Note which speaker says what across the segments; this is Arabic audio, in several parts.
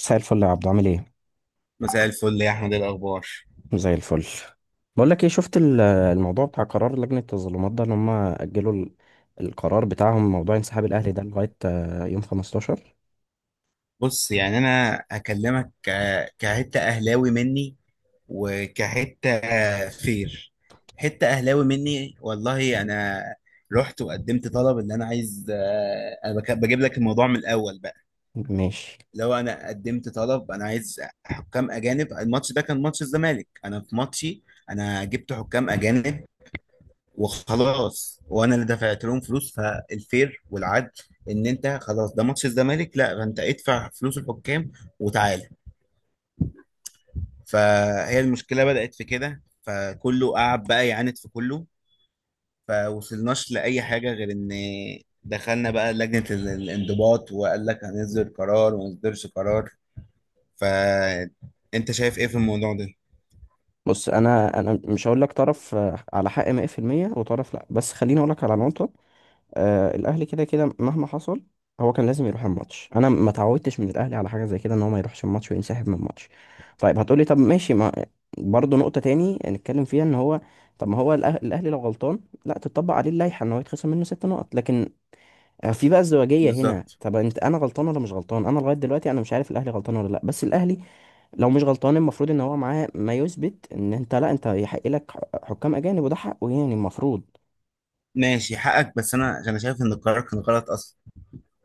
Speaker 1: مساء الفل يا عبدو، عامل ايه؟
Speaker 2: مساء الفل يا احمد، إيه الاخبار؟
Speaker 1: زي الفل. بقول لك ايه، شفت الموضوع بتاع قرار لجنة التظلمات ده ان هم اجلوا القرار بتاعهم، موضوع انسحاب الاهلي ده لغاية يوم 15؟
Speaker 2: بص، يعني انا هكلمك كحته اهلاوي مني، وكحته فير، حته اهلاوي مني، والله انا رحت وقدمت طلب ان انا عايز، انا بجيب لك الموضوع من الاول بقى.
Speaker 1: ماشي.
Speaker 2: لو انا قدمت طلب انا عايز حكام اجانب، الماتش ده كان ماتش الزمالك، انا في ماتشي انا جبت حكام اجانب وخلاص، وانا اللي دفعت لهم فلوس. فالفير والعدل ان انت خلاص ده ماتش الزمالك، لا، فانت ادفع فلوس الحكام وتعالى. فهي المشكله بدات في كده، فكله قعد بقى يعاند في كله، فوصلناش لاي حاجه غير ان دخلنا بقى لجنه الانضباط، وقال لك هنصدر قرار وما نصدرش قرار. فانت شايف ايه في الموضوع ده؟
Speaker 1: بص، انا مش هقول لك طرف على حق 100% وطرف لا، بس خليني اقول لك على نقطة. آه، الاهلي كده كده مهما حصل هو كان لازم يروح الماتش. انا ما تعودتش من الاهلي على حاجه زي كده، ان هو ما يروحش الماتش وينسحب من الماتش. طيب هتقولي طب ماشي، ما برضه نقطه تاني نتكلم فيها ان هو طب ما هو الاهلي لو غلطان لا تطبق عليه اللائحه ان هو يتخصم منه ست نقط، لكن في بقى ازدواجيه هنا.
Speaker 2: بالظبط.
Speaker 1: طب انت، انا غلطان ولا مش غلطان؟ انا لغايه دلوقتي انا مش عارف الاهلي غلطان ولا لا، بس الاهلي لو مش غلطان المفروض ان هو معاه ما يثبت ان انت لا، انت يحق لك حكام اجانب وده حقه، يعني المفروض.
Speaker 2: ماشي حقك، بس انا شايف ان القرار كان غلط اصلا،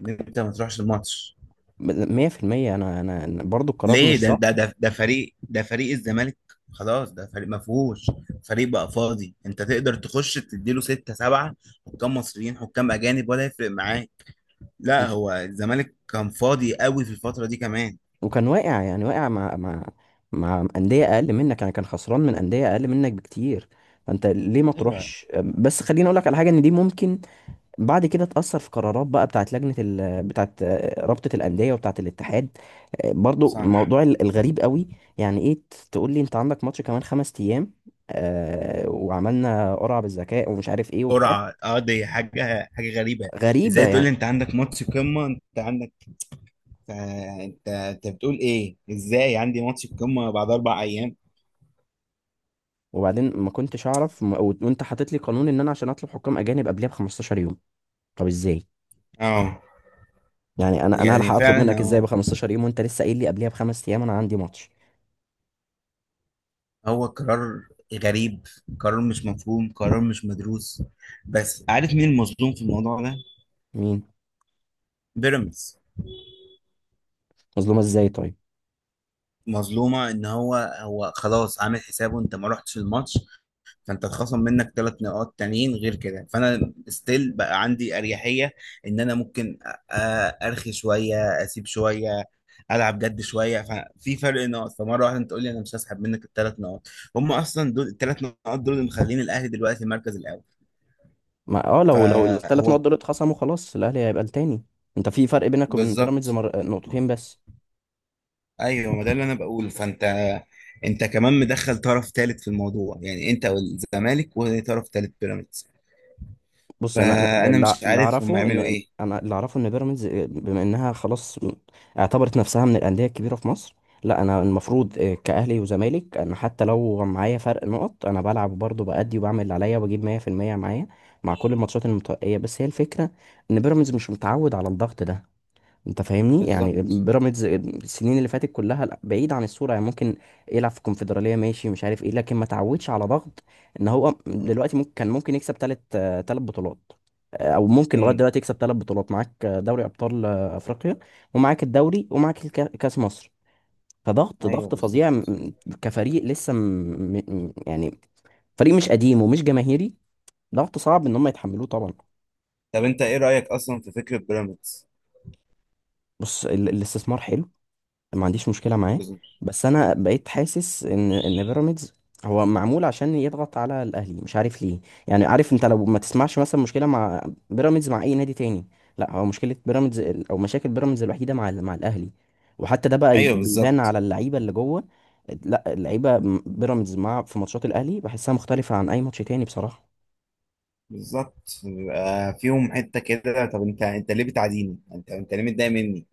Speaker 2: ان انت ما تروحش الماتش.
Speaker 1: 100%، انا برضو القرار
Speaker 2: ليه؟
Speaker 1: مش
Speaker 2: ده
Speaker 1: صح.
Speaker 2: ده ده ده فريق، ده فريق الزمالك، خلاص ده فريق ما فيهوش، فريق بقى فاضي، انت تقدر تخش تديله 6 7 حكام مصريين، حكام اجانب، ولا يفرق معاه. لا،
Speaker 1: الف...
Speaker 2: هو الزمالك كان فاضي قوي في الفترة دي كمان.
Speaker 1: وكان واقع، يعني واقع مع مع أندية أقل منك، يعني كان خسران من أندية أقل منك بكتير، فأنت ليه ما
Speaker 2: ايوه.
Speaker 1: تروحش؟ بس خليني أقول لك على حاجة، إن دي ممكن بعد كده تأثر في قرارات بقى بتاعت بتاعت رابطة الأندية وبتاعت الاتحاد. آه، برضو
Speaker 2: صح.
Speaker 1: موضوع الغريب قوي. يعني إيه تقول لي أنت عندك ماتش كمان خمس أيام، آه وعملنا قرعة بالذكاء ومش عارف إيه وبتاع؟
Speaker 2: قرعة، دي حاجة حاجة غريبة.
Speaker 1: غريبة
Speaker 2: ازاي تقول لي
Speaker 1: يعني.
Speaker 2: انت عندك ماتش قمة؟ انت عندك آه، انت بتقول ايه؟ ازاي عندي ماتش قمة بعد 4 ايام؟
Speaker 1: وبعدين ما كنتش أعرف وأنت حاطط لي قانون إن أنا عشان أطلب حكام أجانب قبلها ب 15 يوم. طب إزاي
Speaker 2: اه.
Speaker 1: يعني؟ انا
Speaker 2: يعني
Speaker 1: هلحق اطلب
Speaker 2: فعلا
Speaker 1: منك ازاي ب
Speaker 2: هو
Speaker 1: 15 يوم وانت لسه قايل لي قبليها بخمس ايام انا عندي ماتش؟
Speaker 2: هو قرار غريب، قرار مش مفهوم، قرار مش مدروس. بس عارف مين المظلوم في الموضوع ده؟
Speaker 1: مين؟
Speaker 2: بيراميدز.
Speaker 1: مظلومه ازاي طيب؟
Speaker 2: مظلومة. ان هو خلاص عامل حسابه انت ما رحتش الماتش، فانت اتخصم منك 3 نقاط تانيين غير كده، فانا ستيل بقى عندي اريحية ان انا ممكن ارخي شوية، اسيب شوية، العب جد شويه، ففي فرق نقط. فمره واحده انت تقول لي انا مش هسحب منك ال 3 نقط؟ هم اصلا دول ال 3 نقط دول اللي مخلين الاهلي دلوقتي المركز الاول.
Speaker 1: ما اه، لو الثلاث نقط
Speaker 2: فهو.
Speaker 1: دول اتخصموا خلاص الاهلي هيبقى التاني. انت في فرق بينك وبين بيراميدز
Speaker 2: بالظبط.
Speaker 1: نقطتين بس.
Speaker 2: ايوه، ما ده اللي انا بقوله. فانت كمان مدخل طرف ثالث في الموضوع، يعني انت والزمالك وطرف ثالث بيراميدز.
Speaker 1: بص، انا أنا
Speaker 2: فانا
Speaker 1: اللي
Speaker 2: مش
Speaker 1: اللي
Speaker 2: عارف هم
Speaker 1: اعرفه
Speaker 2: يعملوا
Speaker 1: ان
Speaker 2: ايه.
Speaker 1: انا اللي اعرفه ان بيراميدز بما انها خلاص اعتبرت نفسها من الانديه الكبيره في مصر. لا، انا المفروض كاهلي وزمالك انا حتى لو معايا فرق نقط انا بلعب برضه بأدي وبعمل اللي عليا وبجيب 100% معايا مع كل الماتشات المتبقيه. بس هي الفكره ان بيراميدز مش متعود على الضغط ده. انت فاهمني، يعني
Speaker 2: بالظبط.
Speaker 1: بيراميدز السنين اللي فاتت كلها لا، بعيد عن الصوره، يعني ممكن يلعب في الكونفدراليه، ماشي مش عارف ايه، لكن ما تعودش على ضغط ان هو دلوقتي ممكن كان ممكن يكسب ثلاث بطولات، او ممكن لغايه
Speaker 2: امم.
Speaker 1: دلوقتي يكسب ثلاث بطولات معاك، دوري ابطال افريقيا، ومعاك الدوري، ومعاك كاس مصر. فضغط،
Speaker 2: ايوه،
Speaker 1: ضغط فظيع
Speaker 2: بالظبط.
Speaker 1: كفريق يعني فريق مش قديم ومش جماهيري، ضغط صعب ان هم يتحملوه طبعا.
Speaker 2: طب انت ايه رايك اصلا في فكره بيراميدز؟
Speaker 1: بص، الاستثمار حلو، ما عنديش مشكلة معاه.
Speaker 2: بالظبط.
Speaker 1: بس انا بقيت حاسس ان بيراميدز هو معمول عشان يضغط على الاهلي، مش عارف ليه. يعني عارف، انت لو ما تسمعش مثلا مشكلة مع بيراميدز مع اي نادي تاني، لا هو مشكلة بيراميدز ال- او مشاكل بيراميدز الوحيدة مع مع الاهلي، وحتى ده بقى
Speaker 2: ايوه،
Speaker 1: بيبان
Speaker 2: بالظبط.
Speaker 1: على اللعيبة اللي جوه. لا، اللعيبة بيراميدز مع في ماتشات الاهلي بحسها مختلفة عن اي ماتش تاني بصراحة.
Speaker 2: بالظبط، بيبقى فيهم حته كده. طب انت ليه بتعاديني؟ انت ليه متضايق مني؟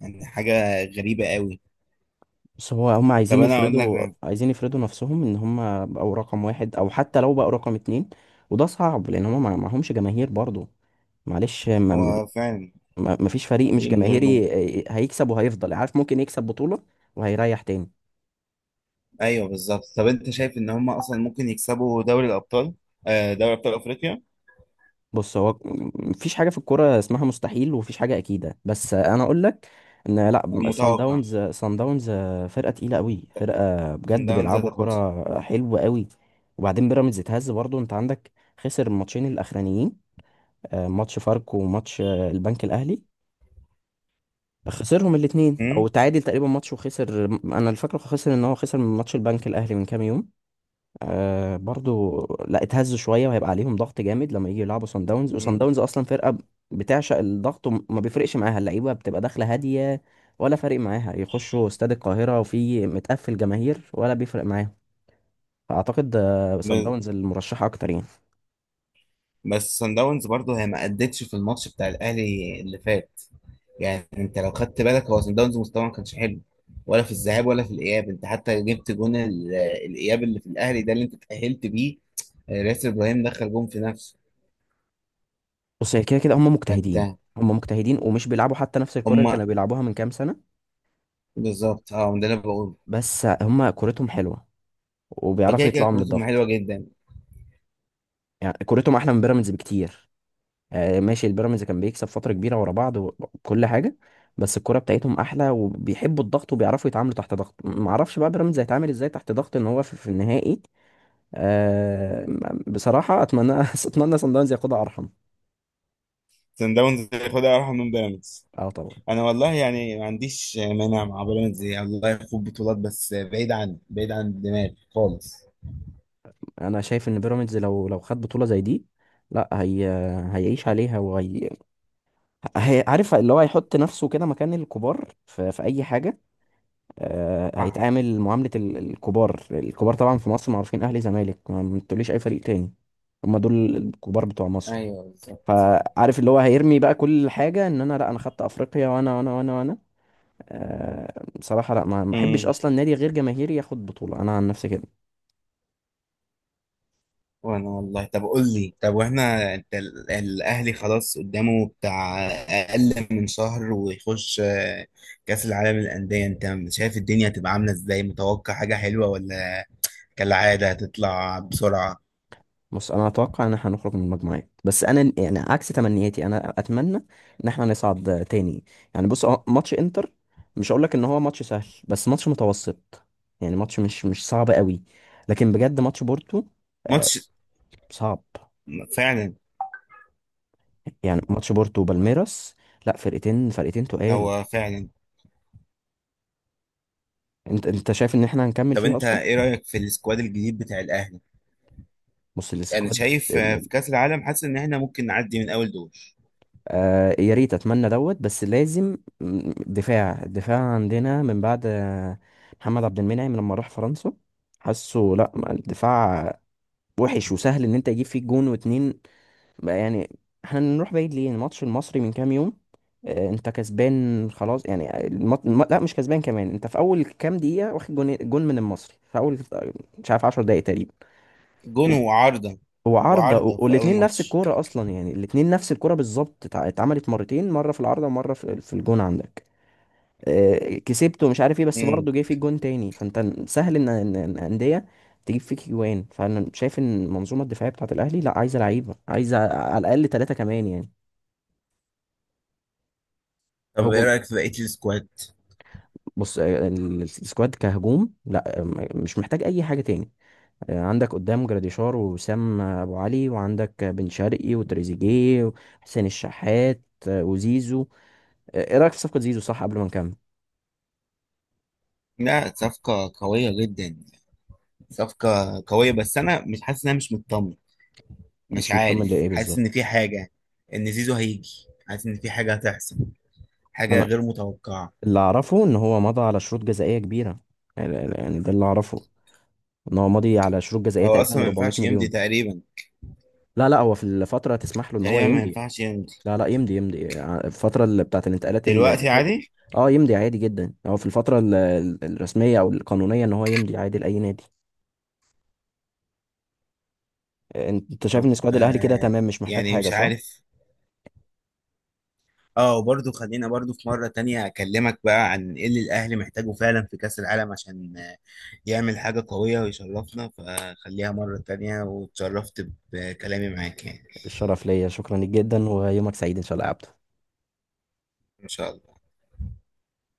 Speaker 2: يعني حاجه غريبه قوي.
Speaker 1: بس هو، هم
Speaker 2: طب
Speaker 1: عايزين
Speaker 2: انا اقول لك.
Speaker 1: يفرضوا عايزين يفرضوا نفسهم ان هم بقوا رقم واحد، او حتى لو بقوا رقم اتنين. وده صعب لان هم معهمش جماهير برضه، معلش. ما
Speaker 2: هو فعلا.
Speaker 1: ما- ما فيش فريق مش
Speaker 2: ليه من غير جمهور؟
Speaker 1: جماهيري هيكسب وهيفضل، عارف، ممكن يكسب بطولة وهيريح تاني.
Speaker 2: ايوه، بالظبط. طب انت شايف ان هم اصلا ممكن يكسبوا دوري الابطال؟ دوري ابطال افريقيا.
Speaker 1: بص، هو مفيش حاجة في الكورة اسمها مستحيل، ومفيش حاجة أكيدة، بس أنا أقول لك إن لأ، سان
Speaker 2: متوقع.
Speaker 1: داونز سان داونز فرقة تقيلة أوي، فرقة
Speaker 2: سان
Speaker 1: بجد
Speaker 2: داونز
Speaker 1: بيلعبوا
Speaker 2: هتاخدها.
Speaker 1: كرة حلوة أوي. وبعدين بيراميدز اتهز برضه، أنت عندك خسر الماتشين الأخرانيين، ماتش فاركو وماتش البنك الاهلي، خسرهم الاثنين او
Speaker 2: أمم،
Speaker 1: تعادل تقريبا ماتش وخسر، انا الفكره خسر ان هو خسر من ماتش البنك الاهلي من كام يوم، آه برضو. لا اتهزوا شويه، وهيبقى عليهم ضغط جامد لما يجي يلعبوا صن داونز. وصن
Speaker 2: أمم.
Speaker 1: داونز اصلا فرقه بتعشق الضغط، وما بيفرقش معاها، اللعيبه بتبقى داخله هاديه، ولا فارق معاها يخشوا استاد القاهره وفي متقفل جماهير ولا بيفرق معاهم. فاعتقد صن
Speaker 2: ب-
Speaker 1: داونز المرشحه اكتر يعني.
Speaker 2: بس سان داونز برضه هي ما ادتش في الماتش بتاع الاهلي اللي فات. يعني انت لو خدت بالك، هو سان داونز مستواه ما كانش حلو، ولا في الذهاب ولا في الاياب. انت حتى جبت جون الاياب اللي في الاهلي ده اللي انت اتاهلت بيه. ياسر ابراهيم دخل جون في نفسه.
Speaker 1: بص، هي كده كده هم
Speaker 2: فانت.
Speaker 1: مجتهدين، هم مجتهدين ومش بيلعبوا حتى نفس الكرة اللي
Speaker 2: هم.
Speaker 1: كانوا بيلعبوها من كام سنة،
Speaker 2: بالظبط، اه ده اللي أنا بقوله.
Speaker 1: بس هم كورتهم حلوه وبيعرفوا
Speaker 2: اوكي، كده
Speaker 1: يطلعوا من
Speaker 2: كورتهم حلوه
Speaker 1: الضغط.
Speaker 2: جدا.
Speaker 1: يعني كورتهم احلى من بيراميدز بكتير. آه، ماشي البيراميدز كان بيكسب فتره كبيره ورا بعض وكل حاجه، بس الكوره بتاعتهم احلى وبيحبوا الضغط وبيعرفوا يتعاملوا تحت ضغط. ما اعرفش بقى بيراميدز هيتعامل ازاي تحت ضغط ان هو في النهائي. أه، بصراحه اتمنى اتمنى صن داونز ياخدها، ارحم.
Speaker 2: سان داونز ياخدها ارحم من بيراميدز.
Speaker 1: اه طبعا.
Speaker 2: انا والله يعني ما عنديش مانع مع بيراميدز، يعني الله يخوض بطولات، بس بعيد عن دماغي خالص.
Speaker 1: انا شايف ان بيراميدز لو خد بطوله زي دي، لا هي، هيعيش عليها، وهي عارف اللي هو هيحط نفسه كده مكان الكبار في اي حاجه. آه،
Speaker 2: صح.
Speaker 1: هيتعامل معاملة الكبار. الكبار طبعا في مصر معروفين، أهلي زمالك، ما تقوليش أي فريق تاني، هما دول الكبار بتوع مصر.
Speaker 2: ايوه، بالظبط.
Speaker 1: فعارف اللي هو هيرمي بقى كل حاجة إن أنا لأ، أنا خدت أفريقيا وأنا بصراحة لأ، ما أحبش
Speaker 2: امم.
Speaker 1: أصلا نادي غير جماهيري ياخد بطولة، أنا عن نفسي كده.
Speaker 2: وانا والله، طب قول لي، طب واحنا انت الاهلي خلاص قدامه بتاع اقل من شهر ويخش كاس العالم للانديه. انت شايف الدنيا هتبقى عامله ازاي؟ متوقع حاجه حلوه، ولا كالعاده هتطلع بسرعه؟
Speaker 1: بص، انا اتوقع ان احنا هنخرج من المجموعات، بس انا يعني عكس تمنياتي، انا اتمنى ان احنا نصعد تاني. يعني بص، هو ماتش انتر مش هقول لك ان هو ماتش سهل، بس ماتش متوسط، يعني ماتش مش صعب قوي. لكن بجد ماتش بورتو، آه،
Speaker 2: ماتش.
Speaker 1: صعب.
Speaker 2: فعلا.
Speaker 1: يعني ماتش بورتو وبالميراس، لا فرقتين تقال.
Speaker 2: هو فعلا.
Speaker 1: انت، شايف ان احنا هنكمل
Speaker 2: طب
Speaker 1: فيها
Speaker 2: انت
Speaker 1: اصلا؟
Speaker 2: ايه رايك في السكواد الجديد بتاع الاهلي؟
Speaker 1: بص
Speaker 2: انا
Speaker 1: السكواد،
Speaker 2: شايف، في كاس العالم حاسس ان احنا ممكن نعدي من اول دور.
Speaker 1: آه يا ريت، اتمنى دوت، بس لازم دفاع. عندنا من بعد محمد عبد المنعم لما راح فرنسا، حاسه لا ما، الدفاع وحش وسهل ان انت يجيب فيك جون واتنين بقى يعني. احنا نروح بعيد ليه؟ الماتش المصري من كام يوم، انت كسبان خلاص يعني لا مش كسبان كمان، انت في اول كام دقيقة واخد جون من المصري في اول مش عارف 10 دقايق تقريبا.
Speaker 2: جون وعارضه.
Speaker 1: هو عارضة
Speaker 2: وعارضه في اول
Speaker 1: والاتنين نفس
Speaker 2: ماتش.
Speaker 1: الكورة أصلا، يعني الاتنين نفس الكورة بالظبط، اتعملت مرتين، مرة في العارضة ومرة في الجون عندك. آه، كسبته مش عارف ايه، بس
Speaker 2: امم.
Speaker 1: برضه جه فيك جون تاني، فانت سهل ان إن أندية تجيب فيك جوان. فانا شايف ان المنظومة الدفاعية بتاعة الأهلي لا، عايزة لعيبة، عايزة على الأقل ثلاثة كمان يعني.
Speaker 2: طب ايه
Speaker 1: هجوم،
Speaker 2: رايك في بقيه السكواد؟
Speaker 1: بص السكواد كهجوم لا، مش محتاج أي حاجة تاني. آه، عندك قدام جراديشار ووسام أبو علي، وعندك بن شرقي وتريزيجيه وحسين الشحات، وزيزو. ايه رايك في صفقه زيزو؟ صح، قبل ما نكمل.
Speaker 2: لا، صفقه قويه جدا. صفقه قويه، بس انا مش حاسس ان، انا مش مطمن. مش
Speaker 1: مش مطمن
Speaker 2: عارف،
Speaker 1: لايه
Speaker 2: حاسس
Speaker 1: بالظبط؟
Speaker 2: ان في حاجه، ان زيزو هيجي، حاسس ان في حاجه هتحصل، حاجه
Speaker 1: انا
Speaker 2: غير متوقعه.
Speaker 1: اللي اعرفه ان هو مضى على شروط جزائيه كبيره، يعني ده اللي اعرفه، ان هو ماضي على شروط جزائيه
Speaker 2: هو اصلا
Speaker 1: تقريبا
Speaker 2: ما
Speaker 1: 400
Speaker 2: ينفعش يمضي
Speaker 1: مليون.
Speaker 2: تقريبا.
Speaker 1: لا هو في الفتره تسمح له ان هو
Speaker 2: تقريبا ما
Speaker 1: يمضي.
Speaker 2: ينفعش يمضي.
Speaker 1: لا يمضي، يمضي الفتره اللي بتاعت الانتقالات اللي
Speaker 2: دلوقتي
Speaker 1: فاتت.
Speaker 2: عادي.
Speaker 1: اه يمضي عادي جدا، هو في الفتره الرسميه او القانونيه ان هو يمضي عادي لاي نادي. انت شايف
Speaker 2: طب،
Speaker 1: ان سكواد الاهلي كده تمام مش محتاج
Speaker 2: يعني
Speaker 1: حاجه،
Speaker 2: مش
Speaker 1: صح؟
Speaker 2: عارف. اه، وبرضه خلينا برضه في مرة تانية أكلمك بقى عن إيه اللي الأهلي محتاجه فعلا في كأس العالم عشان يعمل حاجة قوية ويشرفنا. فخليها مرة تانية، واتشرفت بكلامي معاك يعني.
Speaker 1: الشرف ليا، شكرا لك جدا، ويومك سعيد ان شاء الله يا عبد.
Speaker 2: إن شاء الله.